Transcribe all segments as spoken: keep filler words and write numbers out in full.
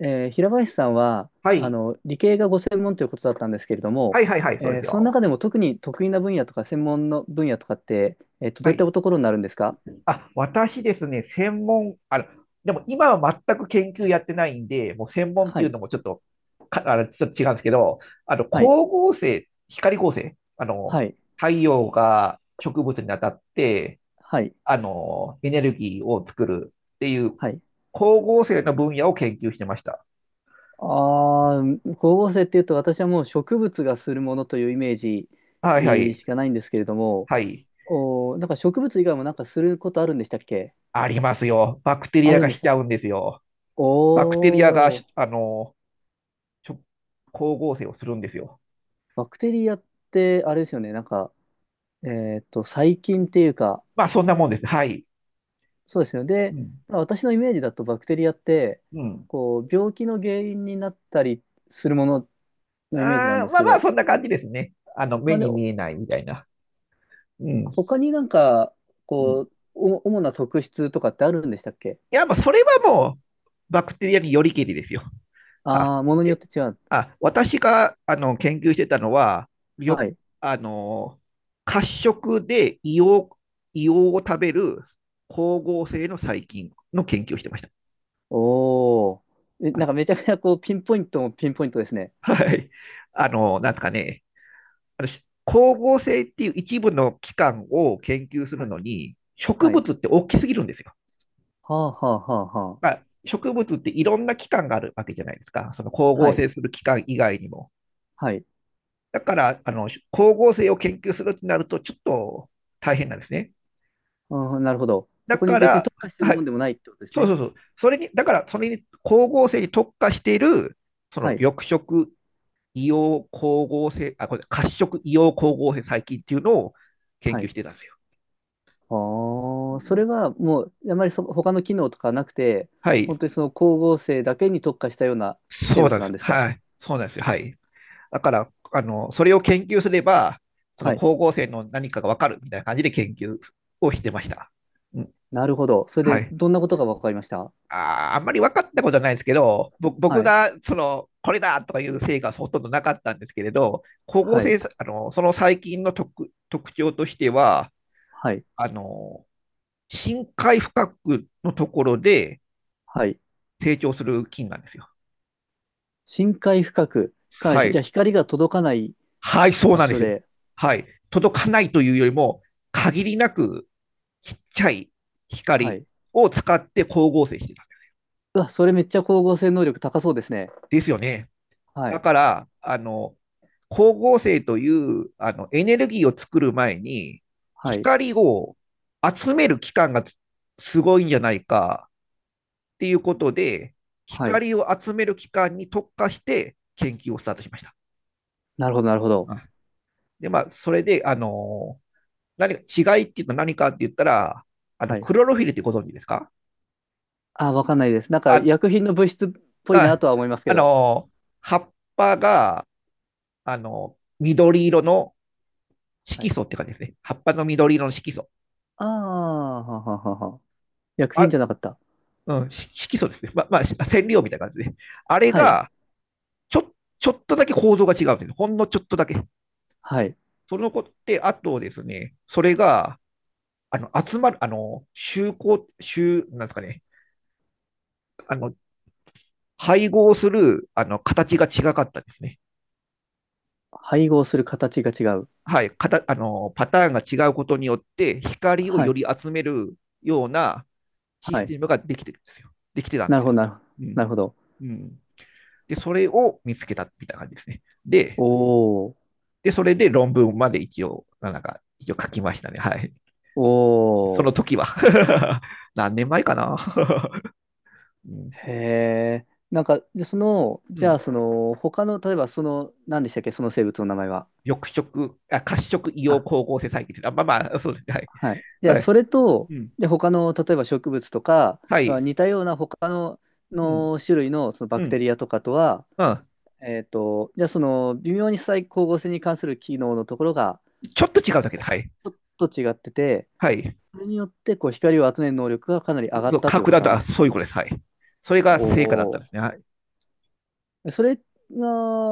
えー平林さんははあい。の理系がご専門ということだったんですけれどはも、いはいはい、そうでえーすそのよ。中でも特に得意な分野とか専門の分野とかって、えっと、はどういっい。たところになるんですか？あ、私ですね、専門、あの、でも今は全く研究やってないんで、もう専門ってはいうい、のもちょっと、か、あの、ちょっと違うんですけど、あの、光はい、合成、光合成、あはの、い、太陽が植物に当たって、はい、あの、エネルギーを作るっていう、はい。光合成の分野を研究してました。ああ、光合成っていうと私はもう植物がするものというイメージ、はえいはーい。しかないんですけれども、はい。おー、なんか植物以外もなんかすることあるんでしたっけ？ありますよ。バクテリあアるんがでしすちか？ゃうんですよ。おバクテリアが、ー、あの、ちょ、光合成をするんですよ。バクテリアってあれですよね、なんか、えっと、細菌っていうか、まあ、そんなもんです。はい。そうですよ。うで、ん。まあ私のイメージだとバクテリアって、うん。こう、病気の原因になったりするもののイメージなんあでーすまあけまあ、ど、そんな感じですね。あの、目まあ、で、に見えないみたいな。うん。他になんか、うこん、う、お主な特質とかってあるんでしたっけ？いや、まあ、それはもう、バクテリアによりけりですよ。あ、ああー、ものによえって違う。あ、私が、あの、研究してたのは、はよ、い。あの、褐色で硫黄、硫黄を食べる光合成の細菌の研究をしてました。おお。え、あなのんかめちゃくちゃこう、ピンポイントもピンポイントですね。はい。あの、なんですかね。あの、光合成っていう一部の器官を研究すはるい。のに、植はい。物って大きすぎるんですよ。はあはあはあはまあ。あ、植物っていろんな器官があるわけじゃないですか。その光は合い。成する器官以外にも。はい。だから、あの、光合成を研究するってなると、ちょっと大変なんですね。うん、なるほど。だそこにか別にら、特化してるはもんい、でもないってことですそうそね。うそう。それに、だから、それに光合成に特化している、そはのい。緑色硫黄光合成、あ、これ、褐色硫黄光合成細菌っていうのを研は究い。してたんですよ。ああ、それはもう、あまりその他の機能とかなくて、は本い。当にその光合成だけに特化したような生そうなん物でなんす。ですか？はい。そうなんですよ。はい。だから、あの、それを研究すれば、そのはい。光合成の何かがわかるみたいな感じで研究をしてました。うん。なるほど。それはで、い。どんなことが分かりました？あー、あんまり分かったことはないですけど、ぼ僕はい。が、その、これだとかいう成果はほとんどなかったんですけれど、光合はい。成、あの、その細菌の特、特徴としては、はい。あの、深海深くのところではい。成長する菌なんですよ。深海深く、かなはり、じゃい。あ光が届かないはい、そう場なんで所すよ。で、はい。届かないというよりも、限りなくちっちゃいは光い。を使って光合成してた。うわ、それめっちゃ光合成能力高そうですね。ですよね。はだい。から、あの、光合成というあのエネルギーを作る前に、はい。光を集める期間がつすごいんじゃないかっていうことで、はい。光を集める期間に特化して研究をスタートしました。なるほど、なるほど。うん。で、まあ、それで、あの、何か違いっていうと何かって言ったら、あの、はい。クロロフィルってご存知ですか？あ、わかんないです。なんか、あ、薬品の物質っぽいあ、なとは思いますけあど。の、葉っぱが、あの、緑色のは色い。素って感じですね。葉っぱの緑色の色素。ああ、はははは。薬品あ、じゃなかった。うん、し色素ですね。ま、まあ、染料みたいな感じですね。あれはい。が、ちょ、ちょっとだけ構造が違うんです。ほんのちょっとだけ。はい。そのことで、あとですね、それが、あの、集まる、あの、集合、集、なんですかね、あの、配合する、あの、形が違かったですね。配合する形が違う。はい、かたあのパターンが違うことによって、光をはよい。り集めるようなシはスい。テムができてるんですよ。できてたんでなるすほど、よ。なるほど。うん。なるほど。うん。で、それを見つけたみたいな感じですね。で、おー。で、それで論文まで一応、なんか、一応書きましたね。はい。そおのー。時は 何年前かな、うん。へえ。なんか、でその、うじゃあ、ん。その、他の、例えば、その、何でしたっけ、その生物の名前は。緑色、あ、褐色硫あ、黄光合成細菌です。あ、まあまあ、そうですね。はい。じゃはい。あ、はそい。れと、うん。で、他の、例えば植物とか、はい。似たような他の、うん。の種類の、そのバうクテん。リアとかとは、うん。えっと、じゃあ、その、微妙に再光合成に関する機能のところが、ちょっと違うだけで、はい。ちょっと違ってて、はい。それによって、こう、光を集める能力がかなり上がったという格こ段となと、んであ、す。そういうことです。はい。それおが成果だったんでお。すね。はい。それが、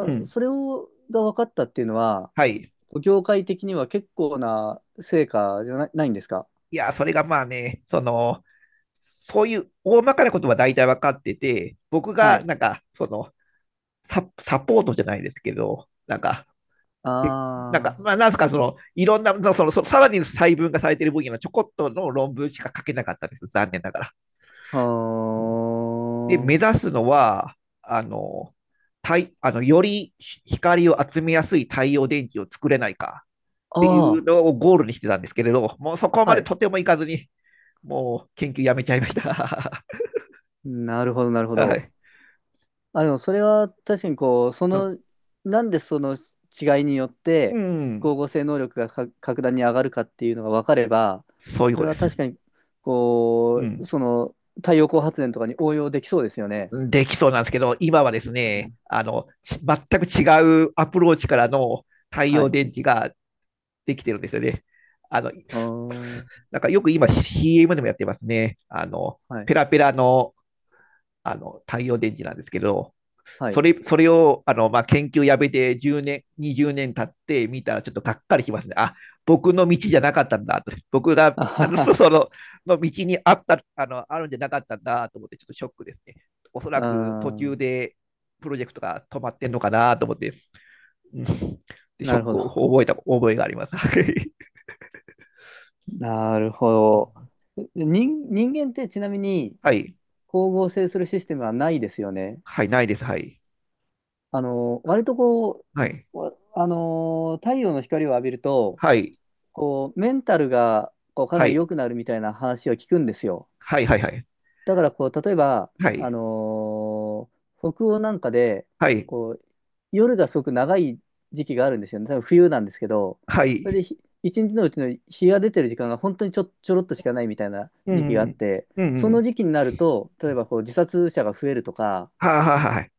うん。それを、が分かったっていうのは、はい。業界的には結構な成果じゃな、ないんですか？いや、それがまあね、その、そういう大まかなことは大体分かってて、僕はがい。なんか、その、サ、サポートじゃないですけど、なんか、えなんあか、まあ、なんすか、その、いろんな、その、そのさらに細分化されている分野のちょこっとの論文しか書けなかったんです。残念ながら。あ、で、目は指すのは、あの、太あのより光を集めやすい太陽電池を作れないかってあ、いうあのをゴールにしてたんですけれど、もうそこあ、まはでい。とてもいかずに、もう研究やめちゃいました。なるほど、なるほ はど。い。あ、でもそれは確かにこう、その、なんでその違いによっうて、ん、光合成能力がか格段に上がるかっていうのが分かれば、そういうそこれとでは確す。かに、うこう、ん。その、太陽光発電とかに応用できそうですよね。できそうなんですけど、今はですうね、ん。あの、全く違うアプローチからの太は陽い。電池ができてるんですよね。あの、あーなんかよく今 シーエム でもやってますね。あの、はい。ペラペラのあの太陽電池なんですけど、はそい。れ、それを、あの、まあ、研究やめてじゅうねん、にじゅうねん経って見たらちょっとがっかりしますね。あ、僕の道じゃなかったんだと。僕 が、あはあの、そは。の、の道にあった、あの、あるんじゃなかったんだと思って、ちょっとショックですね。おそらあく途中ーでプロジェクトが止まってんのかなと思って、うん、でショなッるほクをど。覚えた覚えがあります。はなるほど。人、人間ってちなみにい。光合成するシステムはないですよね。はい、ないです。はい。あの、割とこはい。う、わあの、太陽の光を浴びると、はい。こう、メンタルがこうかなりは良くなるみたいな話を聞くんですよ。い。はい。はい。だからこう、例えば、はあい。の、北欧なんかで、はい。はい。こう、夜がすごく長い時期があるんですよね。多分冬なんですけど、はそれい。でひ一日のうちの日が出てる時間が本当にちょ、ちょろっとしかないみたいなう時期があっん。て、うん。うそのん。時期になると、例えばこう自殺者が増えるとか、はいはいはい。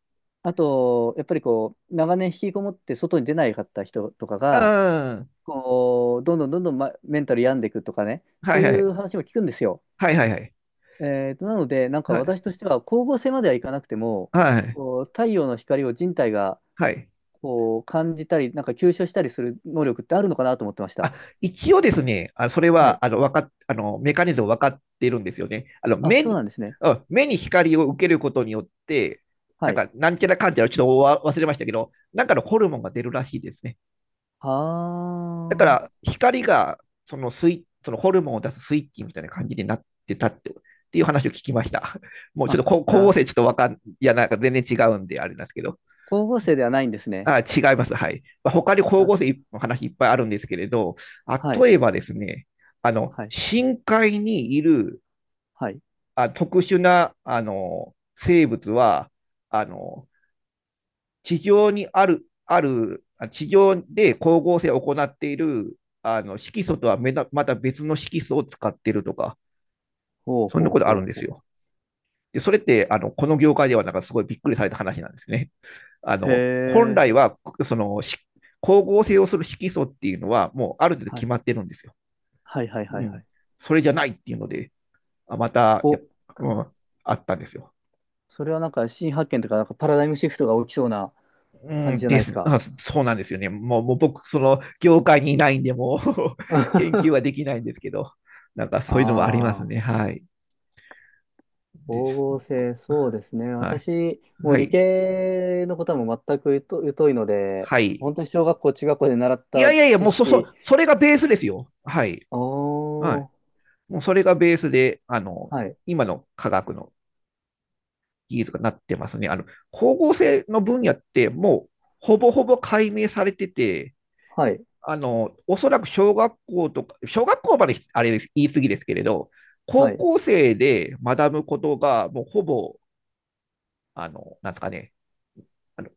あと、やっぱりこう、長年引きこもって外に出ないかった人とかうが、ん。こう、どんどんどんどん、ま、メンタル病んでいくとかね、はそいういはうい。話も聞くんですよ。はいはいはい。えーと、なので、なんかはい。私としては、光合成まではいかなくても、はい。こう、太陽の光を人体がはい。こう感じたり、なんか吸収したりする能力ってあるのかなと思ってましあ、た。一応ですね、あ、それはい。は、あの、わかっ、あの、メカニズム分かっているんですよね。あの、あ、目、そうなんですね。うん、目に光を受けることによって、なはんい。か、なんちゃらかんちゃら、ちょっと忘れましたけど、なんかのホルモンが出るらしいですね。だかあら、光が、そのスイ、そのホルモンを出すスイッチみたいな感じになってたって、っていう話を聞きました。もうあ。ちょっあ、と、こ光合な、成ちょっとわかん、いや、なんか全然違うんで、あれなんですけど。光合成ではないんですね。あ、違います。はい。まあ、他に光あ、合成の話いっぱいあるんですけれど、はい。例えばですね、あの、はい。深海にいるはい。あ特殊なあの生物は、あの、地上にある、ある、あ地上で光合成を行っているあの色素とはめだまた別の色素を使っているとか、ほうそんなほこうとあほるんうですほよ。で、それって、あの、この業界ではなんかすごいびっくりされた話なんですね。あう。への、本え。来は、その、光合成をする色素っていうのは、もうある程度は決いまってるんですよ。はいはいはういはん。い。それじゃないっていうので、あまたや、お、うん、あったんですよ。それはなんか新発見とか、なんかパラダイムシフトが起きそうな感うじん、じゃなでいですす。か。あ、そうなんですよね。もう、もう僕、その、業界にいないんで、もう 研究はで きないんですけど、なんかそういうのもありますああ、ね。はい。で光す。合成、そうですね。はい。私、もうは理い。系のことはもう全く疎疎いので、はい。本当に小学校、中学校で習っいやたいやいや、知もうそ、そ、識、それがベースですよ。はい。はおい。ー、もうそれがベースで、あの、はい、今の科学の技術がなってますね。あの、光合成の分野ってもうほぼほぼ解明されてて、はい、あの、おそらく小学校とか、小学校まであれ言い過ぎですけれど、は高い、校生で学ぶことがもうほぼ、あの、なんですかね、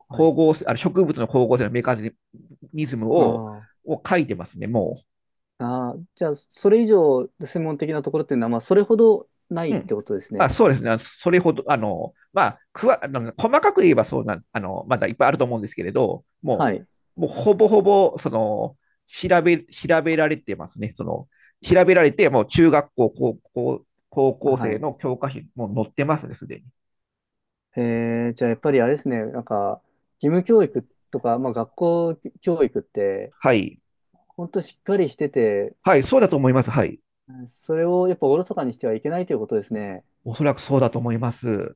はい。光合成、あの植物の光合成のメカニズムあを、ーを書いてますね、もう。あー、じゃあ、それ以上専門的なところっていうのは、まあ、それほどないうってん。ことですあ、ね。そうですね。それほど、あの、まあ、くわ、あの、細かく言えばそうなん、あの、まだいっぱいあると思うんですけれど、もはい、う、もうほぼほぼ、その、調べ、調べられてますね。その、調べられて、もう中学校、高校、高校は生い。の教科書にもう載ってますね、すでに。えー、じゃあやっぱりあれですね、なんか、義務教育とか、まあ学校教育って、はい。本当しっかりしてて、はい、そうだと思います。はい。それをやっぱおろそかにしてはいけないということですね。おそらくそうだと思います。